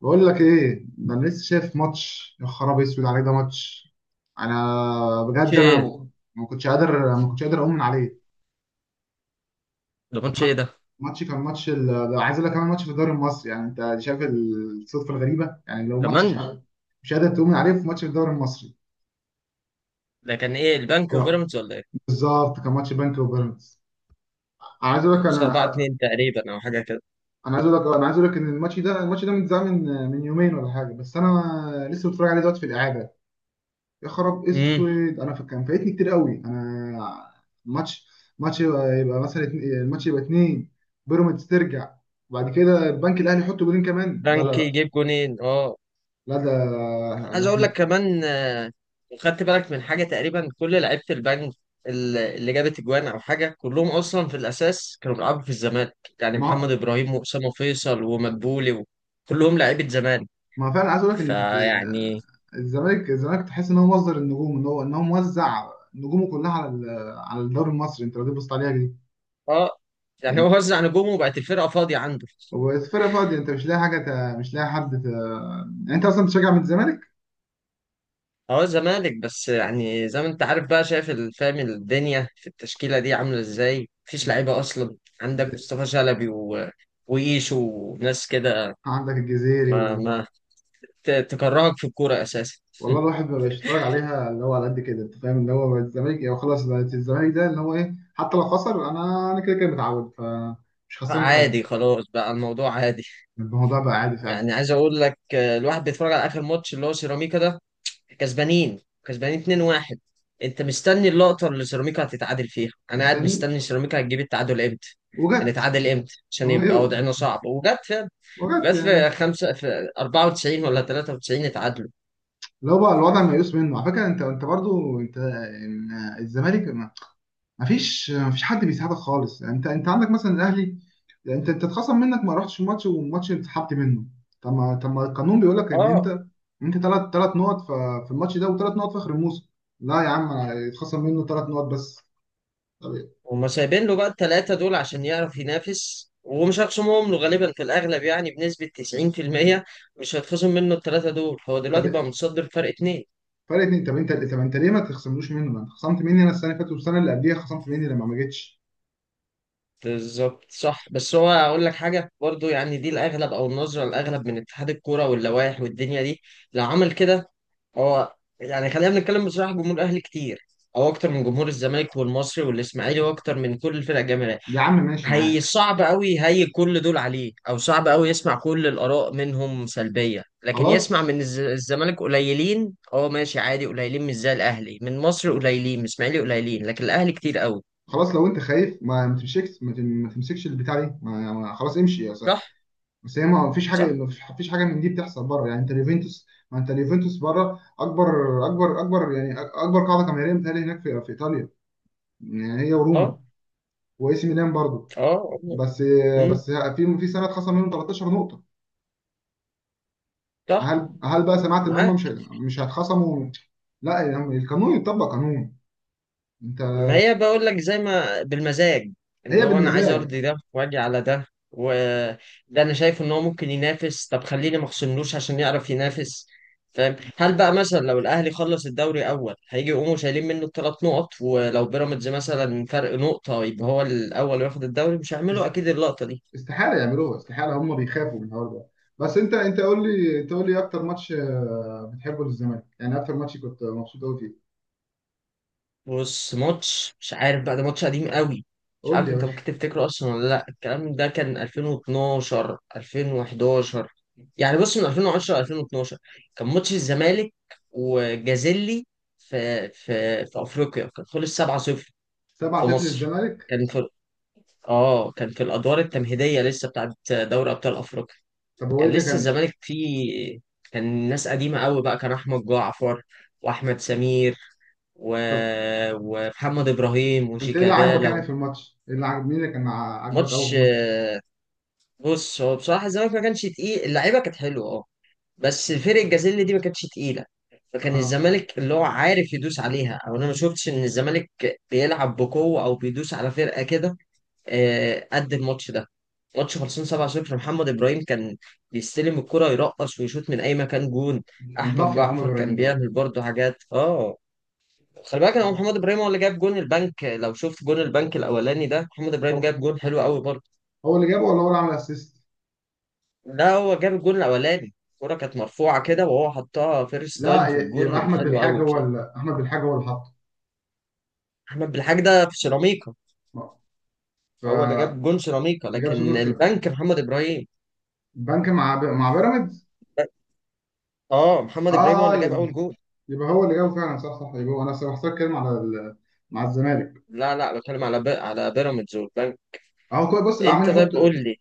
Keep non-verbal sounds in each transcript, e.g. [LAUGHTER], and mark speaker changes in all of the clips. Speaker 1: بقول لك ايه ده؟ انا لسه شايف ماتش، يا خرابي اسود عليه ده ماتش. انا
Speaker 2: ماتش
Speaker 1: بجد، انا
Speaker 2: ايه؟
Speaker 1: ايه، ما كنتش قادر اؤمن عليه.
Speaker 2: ده ماتش ايه ده؟
Speaker 1: ماتش كان ماتش ده. عايز اقول لك كمان ماتش في الدوري المصري، يعني انت شايف الصدفه الغريبه. يعني لو ماتش مش
Speaker 2: كمان.
Speaker 1: قادر مش قادر تؤمن عليه في ماتش في الدوري المصري.
Speaker 2: ده كان ايه، البنك
Speaker 1: ك-
Speaker 2: وبيراميدز ولا ايه؟
Speaker 1: بالظبط كان ماتش بنك وبيراميدز. انا عايز اقول لك
Speaker 2: 5 4
Speaker 1: انا
Speaker 2: 2 تقريبا او حاجه كده.
Speaker 1: انا عايز اقول لك انا عايز اقول لك ان الماتش ده متذاع من يومين ولا حاجه، بس انا لسه بتفرج عليه دلوقتي في الاعاده. يا خراب
Speaker 2: امم.
Speaker 1: اسود، انا كان فايتني كتير قوي انا. ماتش ماتش يبقى مثلا الماتش يبقى اتنين، بيراميدز ترجع، وبعد كده البنك الاهلي يحط جولين كمان. لا لا
Speaker 2: بنك
Speaker 1: لا،
Speaker 2: يجيب جونين؟ اه،
Speaker 1: لا ده ده
Speaker 2: عايز اقول لك
Speaker 1: احنا.
Speaker 2: كمان. خدت بالك من حاجه، تقريبا كل لعيبه البنك اللي جابت اجوان او حاجه، كلهم اصلا في الاساس كانوا بيلعبوا في الزمالك، يعني
Speaker 1: ما هو-
Speaker 2: محمد ابراهيم واسامه فيصل ومدبولي. كلهم لعيبه زمالك،
Speaker 1: ما هو فعلا عايز اقول لك ان
Speaker 2: فيعني
Speaker 1: الزمالك تحس ان هو مصدر النجوم، ان هو موزع نجومه كلها على على الدوري المصري. انت لو جيت بصيت عليها دي،
Speaker 2: اه يعني
Speaker 1: انت
Speaker 2: هو وزع نجومه وبقت الفرقه فاضيه عنده.
Speaker 1: والفرقه فاضيه انت مش لاقي حاجه، مش لاقي حد يعني انت اصلا بتشجع من الزمالك؟
Speaker 2: اه، زمالك، بس يعني زي ما انت عارف بقى شايف فاهم الدنيا في التشكيلة دي عاملة ازاي، مفيش لعيبة اصلا. عندك مصطفى شلبي وإيشو وناس كده.
Speaker 1: عندك الجزيري.
Speaker 2: ما تكرهك في الكورة اساسا.
Speaker 1: والله الواحد ما بقاش يتفرج عليها، اللي هو على قد كده انت فاهم، اللي هو بقت الزمالك يعني خلاص، بقت الزمالك ده اللي هو ايه، حتى لو خسر انا انا كده كده متعود، فمش خسران
Speaker 2: عادي،
Speaker 1: حاجه.
Speaker 2: خلاص بقى الموضوع عادي.
Speaker 1: الموضوع بقى عادي فعلا.
Speaker 2: يعني عايز اقول لك، الواحد بيتفرج على اخر ماتش اللي هو سيراميكا ده، كسبانين كسبانين 2-1. انت مستني اللقطة اللي سيراميكا هتتعادل فيها، انا قاعد
Speaker 1: مستني.
Speaker 2: مستني سيراميكا هتجيب التعادل امتى.
Speaker 1: وجت.
Speaker 2: هنتعادل امتى عشان
Speaker 1: وهي،
Speaker 2: يبقى وضعنا صعب، وجت.
Speaker 1: وجت
Speaker 2: بس
Speaker 1: يعني
Speaker 2: في خمسة، في 94 ولا 93 اتعادلوا.
Speaker 1: اللي هو بقى الوضع ميؤوس منه. على فكره انت انت برضو انت الزمالك، مفيش حد بيساعدك خالص، يعني انت انت عندك مثلا الاهلي. يعني انت انت اتخصم منك ما رحتش الماتش والماتش اتسحبت منه. طب ما، طب ما القانون بيقول لك ان
Speaker 2: اه،
Speaker 1: انت، انت ثلاث نقط في الماتش ده وثلاث نقط في اخر الموسم. لا يا عم، اتخصم منه 3 نقط بس. طب،
Speaker 2: هما سايبين له بقى الثلاثة دول عشان يعرف ينافس ومش هيخصمهم له غالبا، في الأغلب يعني بنسبة 90%. مش هيتخصم منه الثلاثة دول. هو
Speaker 1: طب
Speaker 2: دلوقتي بقى متصدر فرق اتنين.
Speaker 1: فرق اتنين، طب انت، طب انت ليه ما تخصملوش منه؟ ما انت خصمت مني انا السنه اللي فاتت، والسنه اللي قبليها خصمت مني لما ما جيتش.
Speaker 2: بالظبط صح، بس هو أقول لك حاجة برضو. يعني دي الأغلب أو النظرة الأغلب من اتحاد الكورة واللوائح والدنيا دي. لو عمل كده، هو يعني خلينا نتكلم بصراحة، جمهور الأهلي كتير أو أكتر من جمهور الزمالك والمصري والإسماعيلي، وأكتر من كل الفرق الجماهيرية.
Speaker 1: يا عم، ماشي
Speaker 2: هي
Speaker 1: معاك.
Speaker 2: صعب قوي، هي كل دول عليه، او صعب قوي يسمع كل الاراء منهم سلبيه. لكن يسمع
Speaker 1: خلاص،
Speaker 2: من الزمالك قليلين. اه، ماشي عادي قليلين، مش زي الاهلي. من مصر قليلين، من اسماعيلي قليلين، لكن الاهلي كتير قوي.
Speaker 1: خلاص لو انت خايف ما ما تمسكش ما تم- ما تمسكش البتاع دي، خلاص امشي.
Speaker 2: صح.
Speaker 1: بس هي ما فيش حاجه،
Speaker 2: صح.
Speaker 1: ما فيش حاجه من دي بتحصل بره. يعني انت اليوفنتوس، ما انت اليوفنتوس بره اكبر، يعني اكبر قاعده جماهيريه متهيألي هناك في, ايطاليا. يعني هي وروما
Speaker 2: اه.
Speaker 1: واي سي ميلان برضه.
Speaker 2: اه. آه.
Speaker 1: بس،
Speaker 2: امم.
Speaker 1: بس في سنه اتخصم منهم 13 نقطه.
Speaker 2: صح.
Speaker 1: هل بقى سمعت ان هم مش
Speaker 2: معاك.
Speaker 1: مش هيتخصموا؟ لا، يعني القانون يطبق قانون. انت،
Speaker 2: ما هي بقول لك زي ما بالمزاج، اللي
Speaker 1: هي
Speaker 2: هو انا عايز
Speaker 1: بالمزاج.
Speaker 2: ارضي ده واجي على ده وده. انا شايف ان هو ممكن ينافس، طب خليني ما اخصملوش عشان يعرف ينافس. فاهم؟ هل بقى مثلا لو الاهلي خلص الدوري اول هيجي يقوموا شايلين منه الثلاث نقط؟ ولو بيراميدز مثلا فرق نقطة يبقى هو الاول وياخد الدوري، مش هيعملوا
Speaker 1: است-
Speaker 2: اكيد اللقطة دي.
Speaker 1: استحاله يعملوها، استحاله، هم بيخافوا من الحوار ده. بس انت، انت قول لي، انت قول لي اكتر ماتش بتحبه للزمالك. يعني اكتر ماتش كنت مبسوط قوي فيه؟
Speaker 2: بص، ماتش مش عارف بقى، ده ماتش قديم قوي. مش
Speaker 1: قول لي
Speaker 2: عارف
Speaker 1: يا
Speaker 2: انت
Speaker 1: باشا.
Speaker 2: ممكن تفتكره اصلا ولا لا، الكلام ده كان 2012 2011، يعني بص من 2010 ل 2012. كان ماتش الزمالك وجازيلي في افريقيا، كان خلص 7-0 في
Speaker 1: 7-0
Speaker 2: مصر.
Speaker 1: للزمالك.
Speaker 2: كان في، اه، كان في الادوار التمهيديه لسه بتاعت دوري ابطال افريقيا.
Speaker 1: طب هو ايه
Speaker 2: كان
Speaker 1: اللي
Speaker 2: لسه
Speaker 1: كان؟
Speaker 2: الزمالك فيه، كان ناس قديمة قوي بقى، كان أحمد جعفر وأحمد سمير و...
Speaker 1: طب
Speaker 2: ومحمد إبراهيم
Speaker 1: انت ايه اللي عاجبك يعني
Speaker 2: وشيكابالا.
Speaker 1: في الماتش؟ ايه اللي عاجب، مين اللي كان عاجبك قوي في
Speaker 2: ماتش،
Speaker 1: الماتش؟
Speaker 2: بص هو بصراحة الزمالك ما كانش تقيل، اللعيبة كانت حلوة اه. بس فرق الجازيل دي ما كانتش تقيلة، فكان
Speaker 1: اه،
Speaker 2: الزمالك اللي هو عارف يدوس عليها. أو أنا ما شفتش إن الزمالك بيلعب بقوة أو بيدوس على فرقة كده، قد الماتش ده. ماتش خلصان 7-0، محمد ابراهيم كان بيستلم الكرة يرقص ويشوط من اي مكان جون.
Speaker 1: كان
Speaker 2: احمد
Speaker 1: طفره محمد
Speaker 2: جعفر كان
Speaker 1: ابراهيم ده برضه.
Speaker 2: بيعمل برضه حاجات اه. خلي بالك، هو محمد ابراهيم هو اللي جاب جون البنك. لو شفت جون البنك الاولاني، ده محمد ابراهيم
Speaker 1: هو
Speaker 2: جاب جون حلو قوي برضه.
Speaker 1: اللي جابه ولا هو اللي عمل اسيست؟
Speaker 2: لا، هو جاب الجون الاولاني، الكرة كانت مرفوعة كده وهو حطها فيرست
Speaker 1: لا،
Speaker 2: تايم في
Speaker 1: يبقى
Speaker 2: الجون،
Speaker 1: احمد
Speaker 2: حلو
Speaker 1: بالحاج
Speaker 2: قوي
Speaker 1: هو
Speaker 2: بصراحة.
Speaker 1: اللي، احمد بالحاج هو اللي حطه.
Speaker 2: احمد بالحاج ده في سيراميكا،
Speaker 1: آه.
Speaker 2: هو اللي
Speaker 1: فجاب.
Speaker 2: جاب جون سيراميكا. لكن
Speaker 1: سجن.
Speaker 2: البنك، محمد ابراهيم.
Speaker 1: بنك مع مع بيراميدز.
Speaker 2: اه، محمد ابراهيم هو
Speaker 1: اه،
Speaker 2: اللي جاب
Speaker 1: يبقى
Speaker 2: اول جون.
Speaker 1: يبقى هو اللي جابه فعلا، صح صح، يبقى هو انا بحسك كلمه على مع الزمالك.
Speaker 2: لا لا، بتكلم على على بيراميدز والبنك.
Speaker 1: اهو كويس، بص اللي عمال
Speaker 2: انت
Speaker 1: يحط.
Speaker 2: طيب قول لي،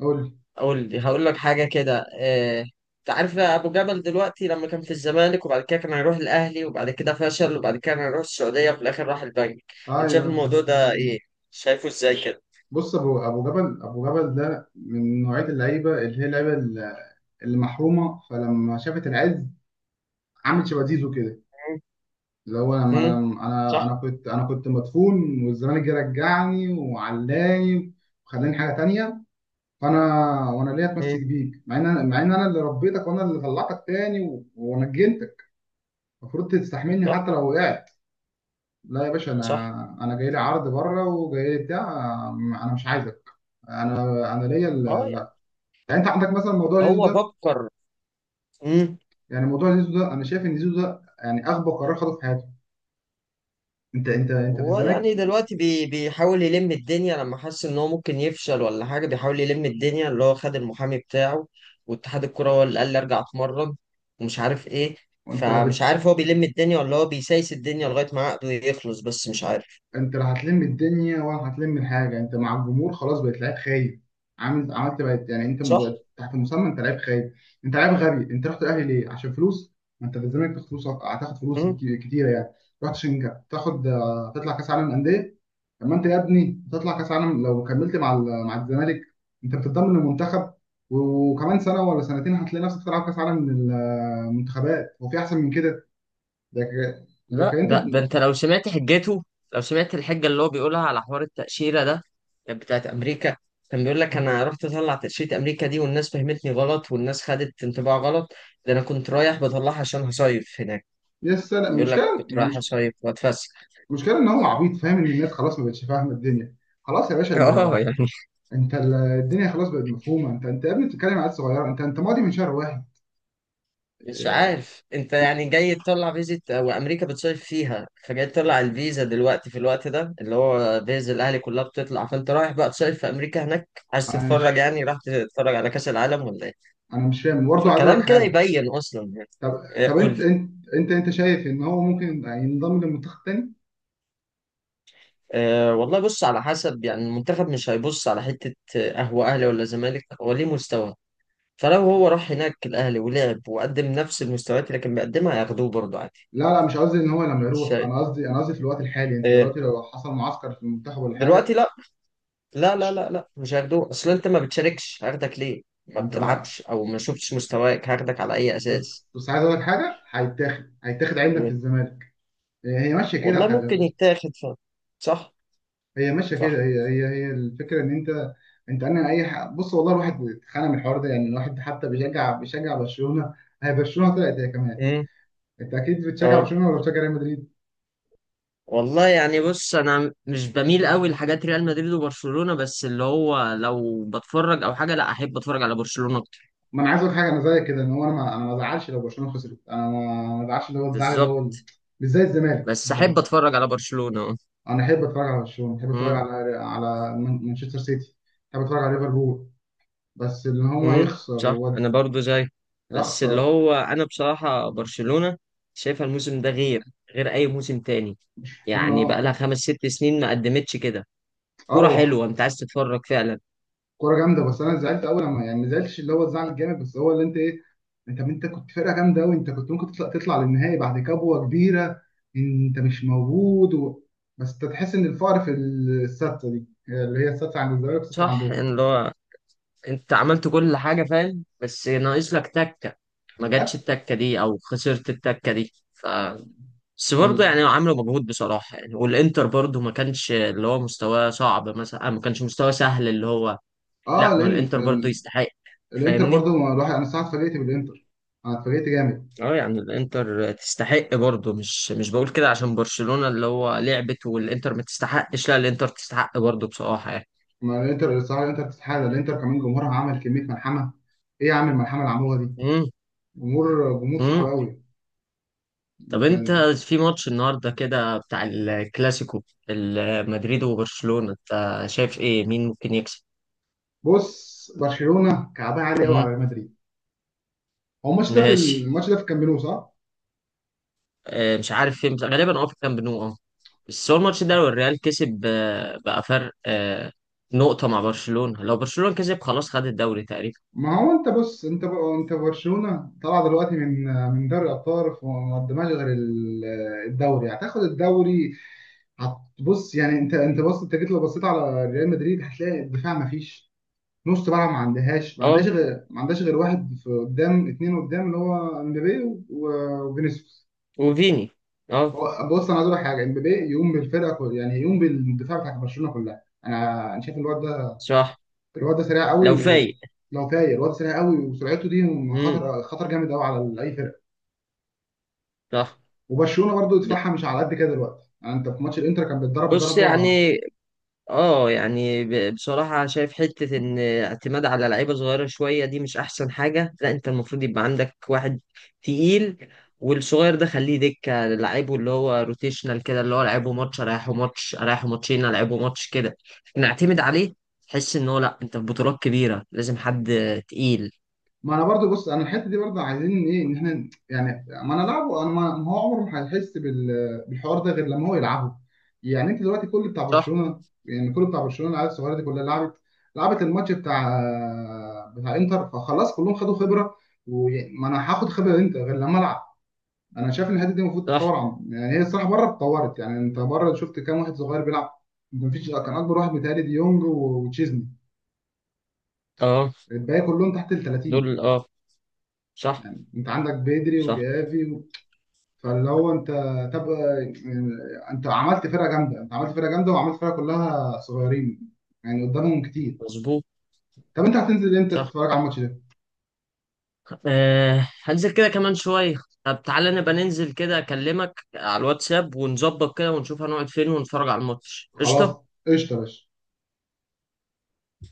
Speaker 1: قول لي.
Speaker 2: قول لي هقول لك حاجه كده اه... انت عارف ابو جبل دلوقتي، لما كان في الزمالك وبعد كده كان هيروح الاهلي وبعد كده فشل وبعد كده كان هيروح السعوديه وفي الاخر راح البنك، انت شايف
Speaker 1: اه،
Speaker 2: الموضوع ده ايه؟ شايفه ازاي كده؟
Speaker 1: بص ابو جبل، ابو جبل ده من نوعيه اللعيبه اللي هي اللعيبه اللي محرومه، فلما شافت العز عملت شبه زيزو كده. اللي هو لما انا
Speaker 2: امم.
Speaker 1: انا
Speaker 2: صح.
Speaker 1: أنا كنت انا كنت مدفون والزمالك جه رجعني وعلاني وخلاني حاجه تانية. فانا، وانا ليه
Speaker 2: امم.
Speaker 1: اتمسك بيك مع ان انا، اللي ربيتك وانا اللي طلعتك تاني ونجنتك. المفروض تستحملني
Speaker 2: صح.
Speaker 1: حتى لو وقعت. لا يا باشا،
Speaker 2: صح.
Speaker 1: انا جاي لي عرض بره وجاي لي بتاع. انا مش عايزك. انا ليا
Speaker 2: اه يعني
Speaker 1: لا. يعني انت عندك مثلا موضوع زيزو
Speaker 2: هو
Speaker 1: ده.
Speaker 2: فكر. مم.
Speaker 1: يعني موضوع زيزو ده انا شايف ان زيزو ده يعني اغبى قرار خده في حياته. انت في
Speaker 2: هو
Speaker 1: الزمالك.
Speaker 2: يعني دلوقتي بيحاول يلم الدنيا لما حس ان هو ممكن يفشل ولا حاجه، بيحاول يلم الدنيا، اللي هو خد المحامي بتاعه واتحاد الكوره هو اللي قال لي ارجع اتمرن ومش عارف ايه.
Speaker 1: وانت لا
Speaker 2: فمش عارف هو بيلم الدنيا ولا هو بيسايس الدنيا لغايه ما عقده يخلص، بس مش عارف.
Speaker 1: انت لا هتلم الدنيا ولا هتلم الحاجه. انت مع الجمهور خلاص، بقيت لعيب خايب، عامل، عملت، بقيت، يعني انت
Speaker 2: صح؟
Speaker 1: تحت المسمى انت لعيب خايب، انت لعيب غبي. انت رحت الاهلي ليه؟ عشان فلوس؟ ما انت في الزمالك تاخد فلوس، هتاخد فلوس كتيره يعني. رحت عشان تاخد، تطلع كاس عالم انديه. طب ما انت يا ابني تطلع كاس عالم لو كملت مع مع الزمالك. انت بتتضمن المنتخب، وكمان سنه ولا سنتين هتلاقي نفسك تلعب كاس عالم منتخبات. هو في احسن من كده؟ لكن، لكن
Speaker 2: لا،
Speaker 1: انت،
Speaker 2: ده انت لو سمعت حجته، لو سمعت الحجه اللي هو بيقولها على حوار التاشيره ده، كانت بتاعت امريكا. كان بيقول لك انا رحت اطلع تاشيره امريكا دي والناس فهمتني غلط والناس خدت انطباع غلط. ده انا كنت رايح بطلعها عشان هصيف هناك.
Speaker 1: لسه لا،
Speaker 2: بيقول لك
Speaker 1: المشكله
Speaker 2: كنت رايح
Speaker 1: مش،
Speaker 2: اصيف واتفسح.
Speaker 1: المشكله ان هو عبيط فاهم ان الناس خلاص ما بقتش فاهمه الدنيا. خلاص يا باشا،
Speaker 2: [LAUGHS] اه
Speaker 1: انت
Speaker 2: يعني
Speaker 1: انت الدنيا خلاص بقت مفهومه. انت انت يا ابني بتتكلم على عيال صغيره، انت انت ماضي من شهر واحد.
Speaker 2: مش
Speaker 1: اه،
Speaker 2: عارف، انت يعني جاي تطلع فيزا وامريكا بتصيف فيها، فجاي تطلع الفيزا دلوقتي في الوقت ده اللي هو فيزا الاهلي كلها بتطلع، فانت رايح بقى تصيف في امريكا هناك؟ عايز
Speaker 1: انا
Speaker 2: تتفرج،
Speaker 1: مش،
Speaker 2: يعني راح تتفرج على كاس العالم ولا إيه؟
Speaker 1: انا مش فاهم برضه. عايز اقول لك
Speaker 2: فكلام كده
Speaker 1: حاجه.
Speaker 2: يبين اصلا يعني.
Speaker 1: طب، طب
Speaker 2: قول لي.
Speaker 1: انت شايف ان هو ممكن ينضم للمنتخب تاني؟
Speaker 2: أه والله، بص على حسب، يعني المنتخب مش هيبص على حتة، هو أهلي ولا زمالك، هو ليه مستوى. فلو هو راح هناك الأهلي ولعب وقدم نفس المستويات اللي كان بيقدمها هياخدوه برضه عادي.
Speaker 1: لا لا، مش قصدي ان هو لما
Speaker 2: مش
Speaker 1: يروح،
Speaker 2: شايف.
Speaker 1: انا قصدي، انا قصدي في الوقت الحالي انت
Speaker 2: أه.
Speaker 1: دلوقتي لو حصل معسكر في المنتخب ولا حاجه.
Speaker 2: دلوقتي لا. لا لا لا لا مش هياخدوه، أصل أنت ما بتشاركش هاخدك ليه؟ ما
Speaker 1: ما انت بقى،
Speaker 2: بتلعبش أو ما شفتش مستواك هاخدك على أي أساس؟
Speaker 1: بس عايز اقول لك حاجه، هيتاخد عندك في
Speaker 2: إيه؟
Speaker 1: الزمالك. هي ماشيه
Speaker 2: والله
Speaker 1: كده، خلي
Speaker 2: ممكن
Speaker 1: بالك.
Speaker 2: يتاخد. صح.
Speaker 1: هي ماشيه كده.
Speaker 2: صح.
Speaker 1: هي الفكره ان انت، انت انا بص والله الواحد اتخانق من الحوار ده. يعني الواحد حتى بيشجع برشلونه. هي برشلونه طلعت هي كمان.
Speaker 2: امم.
Speaker 1: انت اكيد بتشجع
Speaker 2: اه،
Speaker 1: برشلونه ولا بتشجع ريال مدريد؟
Speaker 2: والله يعني بص انا مش بميل قوي لحاجات ريال مدريد وبرشلونة، بس اللي هو لو بتفرج او حاجة لا احب اتفرج على برشلونة اكتر.
Speaker 1: ما انا عايز اقول حاجه، انا زيك كده، ان هو انا ما ازعلش لو برشلونه خسرت. انا ما ازعلش، اللي هو الزعل اللي هو
Speaker 2: بالظبط.
Speaker 1: مش زي الزمالك.
Speaker 2: بس احب اتفرج على برشلونة.
Speaker 1: انا احب اتفرج على برشلونه، احب اتفرج
Speaker 2: امم.
Speaker 1: على مانشستر سيتي، احب اتفرج على ليفربول. بس ان هو
Speaker 2: امم.
Speaker 1: يخسر
Speaker 2: صح، انا برضو زي. بس اللي
Speaker 1: اخسر.
Speaker 2: هو انا بصراحة برشلونة شايفها الموسم ده غير، غير اي موسم تاني،
Speaker 1: برشلونه،
Speaker 2: يعني بقى
Speaker 1: اه.
Speaker 2: لها خمس ست سنين ما قدمتش كده. كرة
Speaker 1: هو
Speaker 2: حلوة، انت عايز تتفرج فعلا.
Speaker 1: كوره جامده، بس انا زعلت قوي لما يعني، ما زعلتش، اللي هو الزعل الجامد، بس هو اللي انت ايه، انت انت كنت فرقه جامده قوي، انت كنت ممكن تطلع، تطلع للنهائي بعد كبوه كبيره، انت مش موجود و... بس انت تحس ان الفقر في السادسه دي اللي هي السادسه عند الزمالك والسادسه
Speaker 2: صح
Speaker 1: عندهم.
Speaker 2: يعني، اللي هو انت عملت كل حاجة فاهم بس ناقص لك تكة. ما جاتش
Speaker 1: ها؟
Speaker 2: التكة دي او خسرت التكة دي ف. بس برضه يعني
Speaker 1: فال...
Speaker 2: عملوا مجهود بصراحة يعني، والانتر برضه ما كانش اللي هو مستواه صعب مثلا، ما كانش مستواه سهل اللي هو.
Speaker 1: اه
Speaker 2: لا، ما
Speaker 1: لان
Speaker 2: الانتر برضه يستحق.
Speaker 1: الانتر
Speaker 2: فاهمني.
Speaker 1: برضو، ما الواحد انا الصراحه اتفاجئت بالانتر. انا اتفاجئت جامد.
Speaker 2: اه، يعني الانتر تستحق برضه، مش بقول كده عشان برشلونة اللي هو لعبت والانتر ما تستحقش، لا الانتر تستحق برضه بصراحة يعني.
Speaker 1: ما الانتر الصراحه الانتر تستحق، الانتر كمان جمهورها عمل كميه ملحمه. ايه يا عم الملحمه اللي عملوها دي. جمهور صعب
Speaker 2: امم.
Speaker 1: قوي
Speaker 2: طب انت
Speaker 1: كان.
Speaker 2: في ماتش النهارده كده بتاع الكلاسيكو، مدريد وبرشلونة، انت شايف ايه مين ممكن يكسب؟
Speaker 1: بص، برشلونه كعبها عالي قوي على
Speaker 2: مم.
Speaker 1: ريال مدريد. هو الماتش ده، في
Speaker 2: ماشي،
Speaker 1: الماتش ده في الكامب نو صح؟
Speaker 2: اه مش عارف فين بس غالبا اه في كامب نو اه. بس هو الماتش ده لو الريال كسب، بقى فرق نقطة مع برشلونة. لو برشلونة كسب خلاص خد الدوري تقريبا.
Speaker 1: ما هو انت بص، انت بقى، انت برشلونه طالعه دلوقتي من دوري الابطال، وما قدمهاش غير الدوري، هتاخد الدوري. هتبص يعني، انت انت بص، انت جيت لو بصيت على ريال مدريد هتلاقي الدفاع ما فيش نص ملعب، ما عندهاش ما عندهاش
Speaker 2: اه
Speaker 1: غير ما عندهاش غير واحد في قدام، اتنين قدام، اللي هو امبابي وفينيسيوس.
Speaker 2: وفيني. اه.
Speaker 1: هو بص، انا عايز اقول لك حاجه، امبابي يقوم بالفرقه كلها، يعني يقوم بالدفاع بتاع برشلونه كلها. انا شايف الواد ده،
Speaker 2: صح.
Speaker 1: سريع قوي،
Speaker 2: لو فايق.
Speaker 1: ولو طاير الواد سريع قوي وسرعته دي
Speaker 2: امم.
Speaker 1: خطر، جامد قوي على اي فرقه.
Speaker 2: صح.
Speaker 1: وبرشلونه برضو
Speaker 2: ب-
Speaker 1: دفاعها مش على قد كده دلوقتي، يعني انت في ماتش الانتر كان بيتضرب
Speaker 2: بص
Speaker 1: ضربه.
Speaker 2: يعني، اه يعني بصراحة شايف حتة ان اعتماد على لعيبة صغيرة شوية دي مش احسن حاجة. لا انت المفروض يبقى عندك واحد تقيل، والصغير ده خليه دكة لعيبه، اللي هو روتيشنال كده، اللي هو لعيبه ماتش اريحه ماتش اريحه ماتشين العبه ماتش كده، نعتمد عليه. تحس ان هو لا، انت في بطولات كبيرة لازم حد تقيل.
Speaker 1: ما انا برضو بص، انا الحته دي برضو عايزين ايه، ان احنا يعني ما انا لعبه، انا ما ما هو عمره ما هيحس بالحوار ده غير لما هو يلعبه. يعني انت دلوقتي كل بتاع
Speaker 2: صح.
Speaker 1: برشلونه، يعني كل بتاع برشلونه العيال الصغيره دي كلها لعبت، لعبت الماتش بتاع، انتر، فخلاص كلهم خدوا خبره. وما انا هاخد خبره انت غير لما العب. انا شايف ان الحته دي المفروض
Speaker 2: صح.
Speaker 1: تتطور، عن يعني هي الصراحه بره اتطورت. يعني انت بره شفت كام واحد صغير بيلعب. مفيش، كان اكبر واحد متهيألي ديونج وتشيزني،
Speaker 2: اه
Speaker 1: الباقي كلهم تحت ال 30.
Speaker 2: دول اه. صح.
Speaker 1: انت عندك بيدري
Speaker 2: صح.
Speaker 1: وجافي. فاللي هو انت، طب انت عملت فرقه جامده، انت عملت فرقه جامده وعملت فرقه كلها صغيرين، يعني قدامهم كتير.
Speaker 2: مظبوط.
Speaker 1: طب انت هتنزل امتى
Speaker 2: صح.
Speaker 1: تتفرج على الماتش ده؟
Speaker 2: أه هنزل كده كمان شوية. طب تعالى نبقى ننزل كده، أكلمك على الواتساب ونظبط كده ونشوف هنقعد فين ونتفرج على الماتش
Speaker 1: خلاص.
Speaker 2: قشطة.
Speaker 1: قشطه يا باشا.